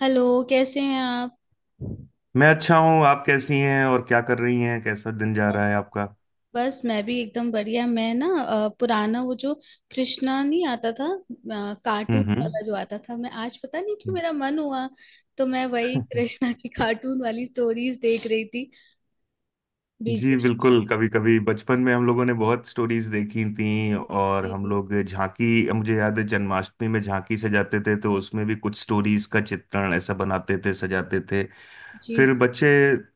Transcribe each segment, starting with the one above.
Hello. कैसे हैं आप? मैं अच्छा हूँ। आप कैसी हैं और क्या कर रही हैं? कैसा दिन जा रहा है आपका? बस मैं भी एकदम बढ़िया। मैं ना पुराना वो जो कृष्णा नहीं आता था कार्टून हम्म। वाला जो आता था, मैं आज पता नहीं क्यों हम्म। मेरा मन हुआ तो मैं वही कृष्णा की कार्टून वाली स्टोरीज देख रही थी। बीच जी, बीच में बिल्कुल। कभी कभी बचपन में हम लोगों ने बहुत स्टोरीज देखी थी और हम जी। लोग झांकी, मुझे याद है जन्माष्टमी में झांकी सजाते थे तो उसमें भी कुछ स्टोरीज का चित्रण ऐसा बनाते थे, सजाते थे। जी। फिर बच्चे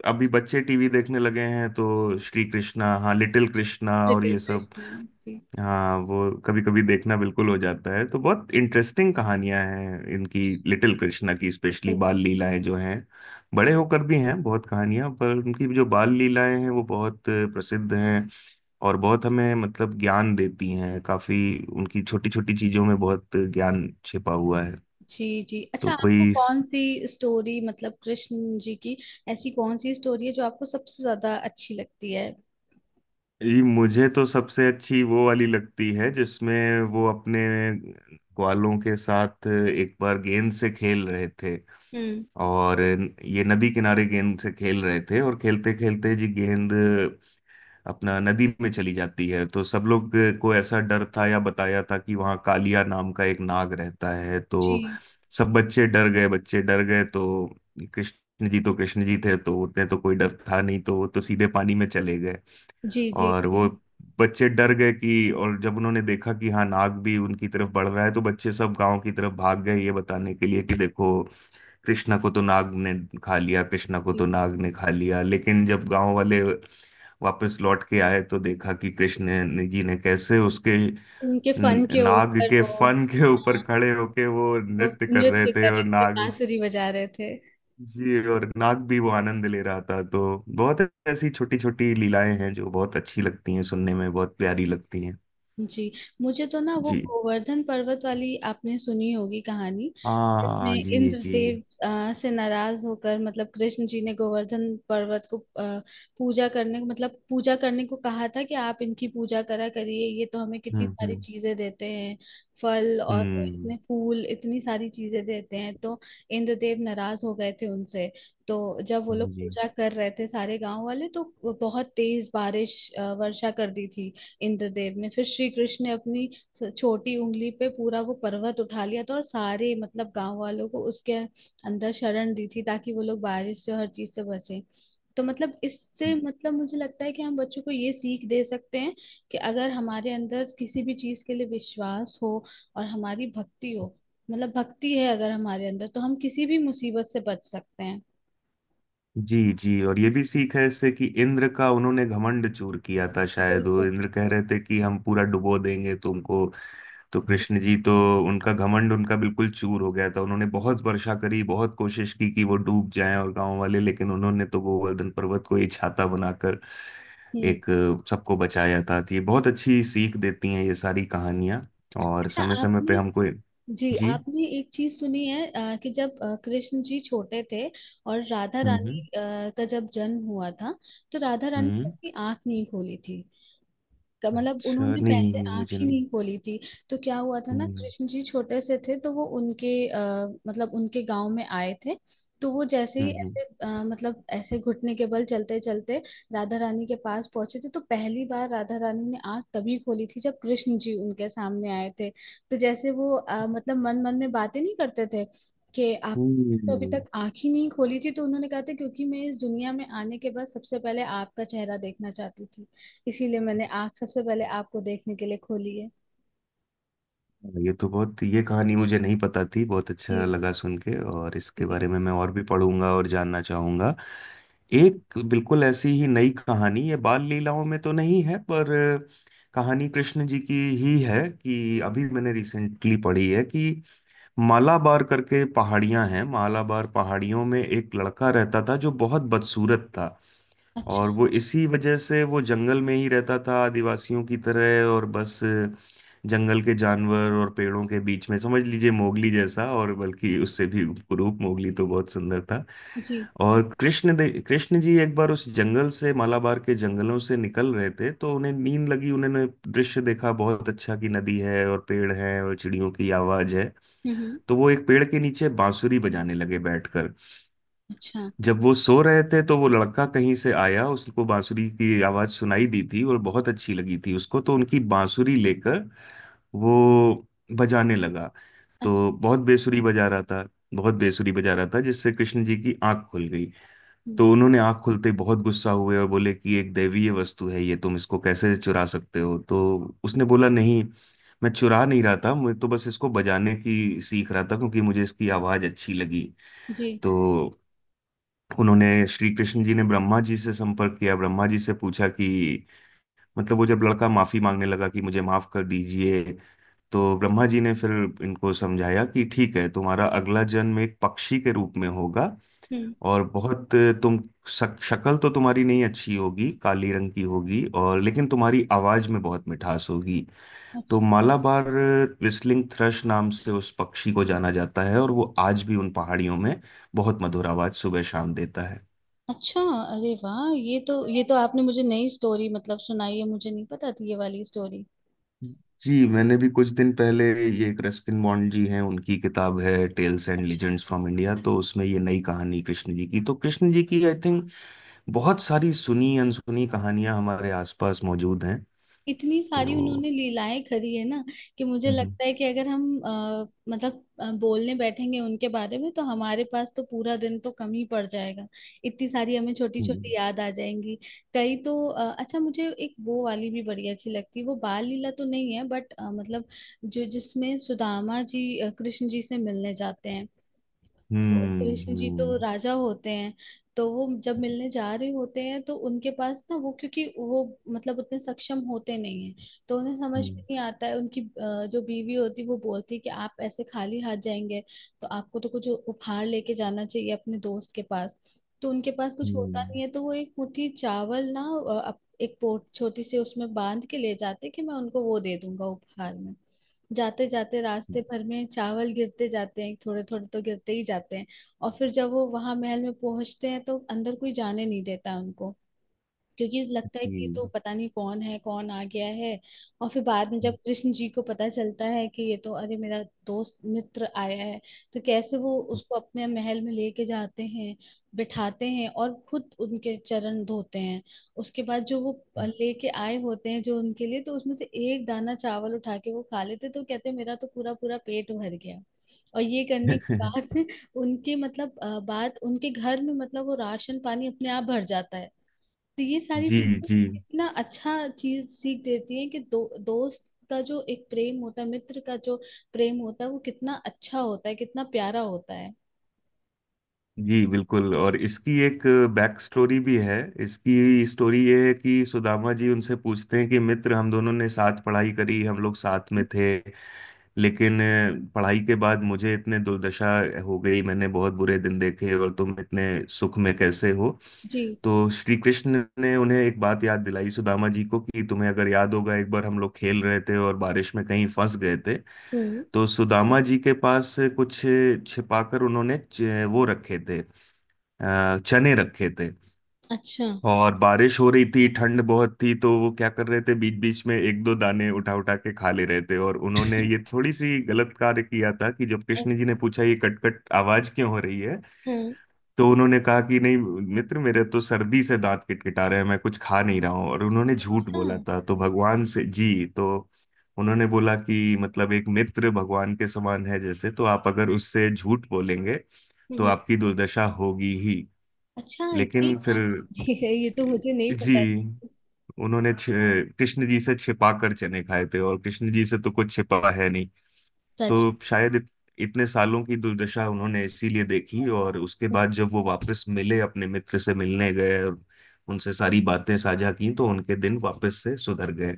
अभी बच्चे टीवी देखने लगे हैं तो श्री कृष्णा, हाँ, लिटिल कृष्णा और लिटिल ये सब। कृष्णा। जी हाँ, वो कभी कभी देखना बिल्कुल हो जाता है तो बहुत इंटरेस्टिंग कहानियां हैं इनकी। लिटिल कृष्णा की स्पेशली बाल लीलाएं जो हैं, बड़े होकर भी हैं बहुत कहानियां पर उनकी जो बाल लीलाएं हैं वो बहुत प्रसिद्ध हैं। और बहुत हमें मतलब ज्ञान देती हैं काफी। उनकी छोटी छोटी चीजों में बहुत ज्ञान छिपा हुआ है। जी जी। अच्छा, तो आपको कोई कौन सी स्टोरी, मतलब कृष्ण जी की ऐसी कौन सी स्टोरी है जो आपको सबसे ज्यादा अच्छी लगती है? ये, मुझे तो सबसे अच्छी वो वाली लगती है जिसमें वो अपने ग्वालों के साथ एक बार गेंद से खेल रहे थे। हम्म। और ये नदी किनारे गेंद से खेल रहे थे, और खेलते खेलते जी गेंद अपना नदी में चली जाती है, तो सब लोग को ऐसा डर था या बताया था कि वहाँ कालिया नाम का एक नाग रहता है। तो जी सब बच्चे डर गए, बच्चे डर गए, तो कृष्ण जी, तो कृष्ण जी थे तो उतने तो कोई डर था नहीं, तो वो तो सीधे पानी में चले गए। जी जी और जी वो बच्चे डर गए कि, और जब उन्होंने देखा कि हाँ, नाग भी उनकी तरफ बढ़ रहा है, तो बच्चे सब गांव की तरफ भाग गए ये बताने के लिए कि देखो, कृष्णा को तो नाग ने खा लिया, कृष्णा को जी। तो नाग ने खा लिया। लेकिन जब गांव वाले वापस लौट के आए तो देखा कि जी ने कैसे उसके उनके फन के नाग ऊपर के वो, फन के ऊपर हाँ, खड़े होके वो वो नृत्य कर रहे नृत्य थे कर और रहे थे, नाग। बांसुरी बजा रहे थे। जी, और नाग भी वो आनंद ले रहा था। तो बहुत ऐसी छोटी छोटी लीलाएं हैं जो बहुत अच्छी लगती हैं, सुनने में बहुत प्यारी लगती हैं। जी। मुझे तो ना वो जी। गोवर्धन पर्वत वाली, आपने सुनी होगी कहानी जिसमें हाँ, जी, जी। इंद्रदेव से नाराज होकर, मतलब कृष्ण जी ने गोवर्धन पर्वत को पूजा करने, मतलब पूजा करने को कहा था कि आप इनकी पूजा करा करिए, ये तो हमें कितनी हम्म। सारी हम्म। चीजें देते हैं। फल और हम्म। इतने फूल, इतनी सारी चीजें देते हैं, तो इंद्रदेव नाराज हो गए थे उनसे। तो जब वो लोग जी, पूजा कर रहे थे सारे गांव वाले, तो बहुत तेज बारिश वर्षा कर दी थी इंद्रदेव ने। फिर श्री कृष्ण ने अपनी छोटी उंगली पे पूरा वो पर्वत उठा लिया था और सारे मतलब गांव वालों को उसके अंदर शरण दी थी, ताकि वो लोग बारिश से और हर चीज से बचें। तो मतलब इससे मतलब मुझे लगता है कि हम बच्चों को ये सीख दे सकते हैं कि अगर हमारे अंदर किसी भी चीज के लिए विश्वास हो और हमारी भक्ति हो, मतलब भक्ति है अगर हमारे अंदर, तो हम किसी भी मुसीबत से बच सकते हैं। जी, जी, और ये भी सीख है इससे कि इंद्र का उन्होंने घमंड चूर किया था, शायद वो बिल्कुल। इंद्र कह रहे थे कि हम पूरा डुबो देंगे तुमको। तो कृष्ण जी तो, उनका घमंड, उनका बिल्कुल चूर हो गया था। उन्होंने बहुत वर्षा करी, बहुत कोशिश की कि वो डूब जाएं और गांव वाले, लेकिन उन्होंने तो गोवर्धन पर्वत को ही छाता बनाकर हम्म। एक, सबको बचाया था। तो ये बहुत अच्छी सीख देती हैं, ये सारी कहानियाँ, और अच्छा, समय समय पे आपने, हमको। जी जी। आपने एक चीज सुनी है कि जब कृष्ण जी छोटे थे और राधा हम्म। रानी हम्म। का जब जन्म हुआ था तो राधा रानी ने हम्म। अपनी आंख नहीं खोली थी। का मतलब अच्छा, उन्होंने नहीं, पहले आंख मुझे ही नहीं। नहीं खोली थी। तो क्या हुआ था ना, हम्म। कृष्ण जी छोटे से थे तो वो उनके मतलब उनके गांव में आए थे। तो वो जैसे ही हम्म। ऐसे मतलब ऐसे घुटने के बल चलते चलते राधा रानी के पास पहुंचे थे, तो पहली बार राधा रानी ने आंख तभी खोली थी जब कृष्ण जी उनके सामने आए थे। तो जैसे वो मतलब मन मन में बातें नहीं करते थे कि आप, हम्म। तो अभी हम्म। तक आंख ही नहीं खोली थी तो उन्होंने कहा था क्योंकि मैं इस दुनिया में आने के बाद सबसे पहले आपका चेहरा देखना चाहती थी, इसीलिए मैंने आँख सबसे पहले आपको देखने के लिए खोली है। हाँ, ये तो बहुत, ये कहानी मुझे नहीं पता थी, बहुत अच्छा जी। लगा सुन के, और इसके जी। बारे में मैं और भी पढ़ूंगा और जानना चाहूंगा। एक बिल्कुल ऐसी ही नई कहानी, ये बाल लीलाओं में तो नहीं है, पर कहानी कृष्ण जी की ही है कि अभी मैंने रिसेंटली पढ़ी है कि मालाबार करके पहाड़ियां हैं, मालाबार पहाड़ियों में एक लड़का रहता था जो बहुत बदसूरत था, अच्छा। और वो इसी वजह से वो जंगल में ही रहता था आदिवासियों की तरह, और बस जंगल के जानवर और पेड़ों के बीच में, समझ लीजिए मोगली जैसा, और बल्कि उससे भी, रूप मोगली तो बहुत सुंदर था। जी। और कृष्ण जी एक बार उस जंगल से, मालाबार के जंगलों से निकल रहे थे तो उन्हें नींद लगी, उन्होंने दृश्य देखा बहुत अच्छा कि नदी है और पेड़ है और चिड़ियों की आवाज है, हम्म हम्म, तो वो एक पेड़ के नीचे बांसुरी बजाने लगे बैठकर। अच्छा। जब वो सो रहे थे तो वो लड़का कहीं से आया, उसको बांसुरी की आवाज सुनाई दी थी और बहुत अच्छी लगी थी उसको, तो उनकी बांसुरी लेकर वो बजाने लगा। अच्छा। तो बहुत बेसुरी बजा रहा था, बहुत बेसुरी बजा रहा था, जिससे कृष्ण जी की आंख खुल गई। हम्म, तो उन्होंने आंख खुलते ही बहुत गुस्सा हुए और बोले कि एक दैवीय वस्तु है ये, तुम इसको कैसे चुरा सकते हो? तो हम्म, उसने बोला, नहीं, मैं चुरा नहीं रहा था, मैं तो बस इसको बजाने की सीख रहा था क्योंकि मुझे इसकी आवाज अच्छी लगी। जी। तो उन्होंने, श्री कृष्ण जी ने ब्रह्मा जी से संपर्क किया, ब्रह्मा जी से पूछा कि, मतलब वो जब लड़का माफी मांगने लगा कि मुझे माफ कर दीजिए, तो ब्रह्मा जी ने फिर इनको समझाया कि ठीक है, तुम्हारा अगला जन्म एक पक्षी के रूप में होगा, हम्म। और बहुत, तुम शक्ल तो तुम्हारी नहीं अच्छी होगी, काली रंग की होगी, और लेकिन तुम्हारी आवाज में बहुत मिठास होगी। तो अच्छा। मालाबार व्हिस्लिंग थ्रश नाम से उस पक्षी को जाना जाता है, और वो आज भी उन पहाड़ियों में बहुत मधुर आवाज सुबह शाम देता है। अच्छा। अरे वाह, ये तो, ये तो आपने मुझे नई स्टोरी मतलब सुनाई है, मुझे नहीं पता थी ये वाली स्टोरी। जी, मैंने भी कुछ दिन पहले ये, एक रस्किन बॉन्ड जी हैं, उनकी किताब है tales and legends from India, तो उसमें ये नई कहानी कृष्ण जी की, तो कृष्ण जी की, आई थिंक बहुत सारी सुनी अनसुनी कहानियां हमारे आसपास मौजूद हैं। इतनी सारी तो उन्होंने लीलाएं करी है ना कि मुझे हम्म। लगता है कि अगर हम मतलब बोलने बैठेंगे उनके बारे में, तो हमारे पास तो पूरा दिन तो कम ही पड़ जाएगा। इतनी सारी हमें छोटी हम्म। छोटी याद आ जाएंगी। कई तो अच्छा, मुझे एक वो वाली भी बड़ी अच्छी लगती है, वो बाल लीला तो नहीं है बट मतलब जो जिसमें सुदामा जी कृष्ण जी से मिलने जाते हैं। तो कृष्ण जी तो हम्म। राजा होते हैं। तो वो जब मिलने जा रहे होते हैं तो उनके पास ना वो, क्योंकि वो मतलब उतने सक्षम होते नहीं हैं, तो उन्हें समझ में हम्म। नहीं आता है। उनकी जो बीवी होती है वो बोलती है कि आप ऐसे खाली हाथ जाएंगे, तो आपको तो कुछ उपहार लेके जाना चाहिए अपने दोस्त के पास। तो उनके पास कुछ होता हम्म। नहीं है, तो वो एक मुट्ठी चावल ना एक पोट छोटी सी उसमें बांध के ले जाते कि मैं उनको वो दे दूंगा उपहार में। जाते जाते रास्ते भर में चावल गिरते जाते हैं, थोड़े थोड़े तो गिरते ही जाते हैं। और फिर जब वो वहां महल में पहुंचते हैं तो अंदर कोई जाने नहीं देता उनको, क्योंकि लगता है कि ये जी। तो पता नहीं कौन है, कौन आ गया है। और फिर बाद में जब कृष्ण जी को पता चलता है कि ये तो, अरे मेरा दोस्त मित्र आया है, तो कैसे वो उसको अपने महल में लेके जाते हैं, बिठाते हैं और खुद उनके चरण धोते हैं। उसके बाद जो वो लेके आए होते हैं जो उनके लिए, तो उसमें से एक दाना चावल उठा के वो खा लेते तो कहते मेरा तो पूरा पूरा पेट भर गया। और ये करने के बाद उनके मतलब बाद उनके घर में मतलब वो राशन पानी अपने आप भर जाता है। तो ये सारी जी। चीजें जी, इतना अच्छा चीज सीख देती है कि दोस्त का जो एक प्रेम होता है, मित्र का जो प्रेम होता है, वो कितना अच्छा होता है, कितना प्यारा होता है। जी, बिल्कुल, और इसकी एक बैक स्टोरी भी है। इसकी स्टोरी ये है कि सुदामा जी उनसे पूछते हैं कि मित्र, हम दोनों ने साथ पढ़ाई करी, हम लोग साथ में थे, लेकिन पढ़ाई के बाद मुझे इतने दुर्दशा हो गई, मैंने बहुत बुरे दिन देखे, और तुम इतने सुख में कैसे हो? जी। तो श्री कृष्ण ने उन्हें एक बात याद दिलाई सुदामा जी को कि तुम्हें अगर याद होगा एक बार हम लोग खेल रहे थे और बारिश में कहीं फंस गए थे। हम्म। तो सुदामा जी के पास कुछ छिपाकर उन्होंने च- वो रखे थे अ, चने रखे थे। अच्छा। और बारिश हो रही थी, ठंड बहुत थी, तो वो क्या कर रहे थे, बीच बीच में एक दो दाने उठा उठा के खा ले रहे थे, और उन्होंने ये थोड़ी सी गलत कार्य किया था कि जब कृष्ण जी ने पूछा ये कट कट आवाज क्यों हो रही है, हम्म। तो उन्होंने कहा कि नहीं, मित्र मेरे तो सर्दी से दांत किटकिटा रहे हैं, मैं कुछ खा नहीं रहा हूँ, और उन्होंने झूठ अच्छा। बोला था। तो भगवान से, जी, तो उन्होंने बोला कि मतलब एक मित्र भगवान के समान है जैसे, तो आप अगर उससे झूठ बोलेंगे तो हम्म। आपकी दुर्दशा होगी ही। अच्छा ये लेकिन फिर, बात है, ये तो मुझे नहीं पता जी, थी। उन्होंने कृष्ण जी से छिपा कर चने खाए थे, और कृष्ण जी से तो कुछ छिपा है नहीं। सच? तो शायद इतने सालों की दुर्दशा उन्होंने इसीलिए देखी, और उसके बाद जब वो वापस मिले, अपने मित्र से मिलने गए और उनसे सारी बातें साझा की तो उनके दिन वापस से सुधर गए।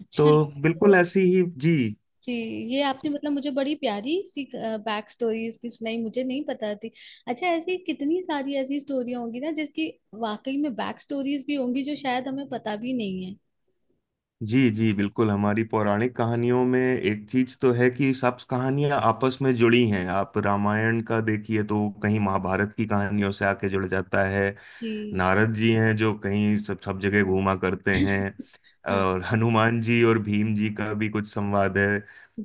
अच्छा ये तो बिल्कुल तो। ऐसी ही। जी। जी। ये आपने मतलब मुझे बड़ी प्यारी सी बैक स्टोरी इसकी सुनाई, मुझे नहीं पता थी। अच्छा, ऐसी कितनी सारी ऐसी स्टोरी होंगी ना जिसकी वाकई में बैक स्टोरीज भी होंगी जो शायद हमें पता भी नहीं है। जी, जी, बिल्कुल। हमारी पौराणिक कहानियों में एक चीज तो है कि सब कहानियां आपस में जुड़ी हैं। आप रामायण का देखिए तो कहीं महाभारत की कहानियों से आके जुड़ जाता है, जी। नारद जी हैं जो कहीं सब सब जगह घूमा करते हैं, हाँ। और हनुमान जी और भीम जी का भी कुछ संवाद है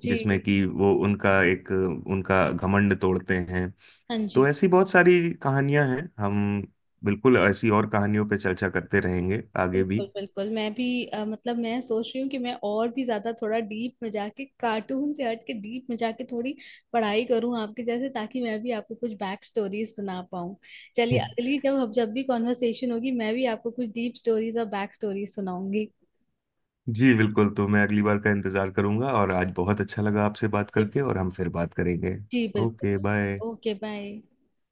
जी। जिसमें कि वो उनका एक, उनका घमंड तोड़ते हैं। हाँ तो जी। ऐसी बहुत सारी कहानियां हैं। हम बिल्कुल ऐसी और कहानियों पे चर्चा करते रहेंगे आगे बिल्कुल भी। बिल्कुल। मैं भी मतलब मैं सोच रही हूँ कि मैं और भी ज्यादा थोड़ा डीप में जाके, कार्टून से हट के डीप में जाके थोड़ी पढ़ाई करूँ आपके जैसे, ताकि मैं भी आपको कुछ बैक स्टोरीज सुना पाऊँ। चलिए, अगली जब हम जब भी कॉन्वर्सेशन होगी, मैं भी आपको कुछ डीप स्टोरीज और बैक स्टोरीज सुनाऊंगी। जी, बिल्कुल। तो मैं अगली बार का इंतजार करूंगा, और आज बहुत अच्छा लगा आपसे बात जी। करके, और हम फिर बात करेंगे। जी, ओके, बिल्कुल। बाय। Okay bye.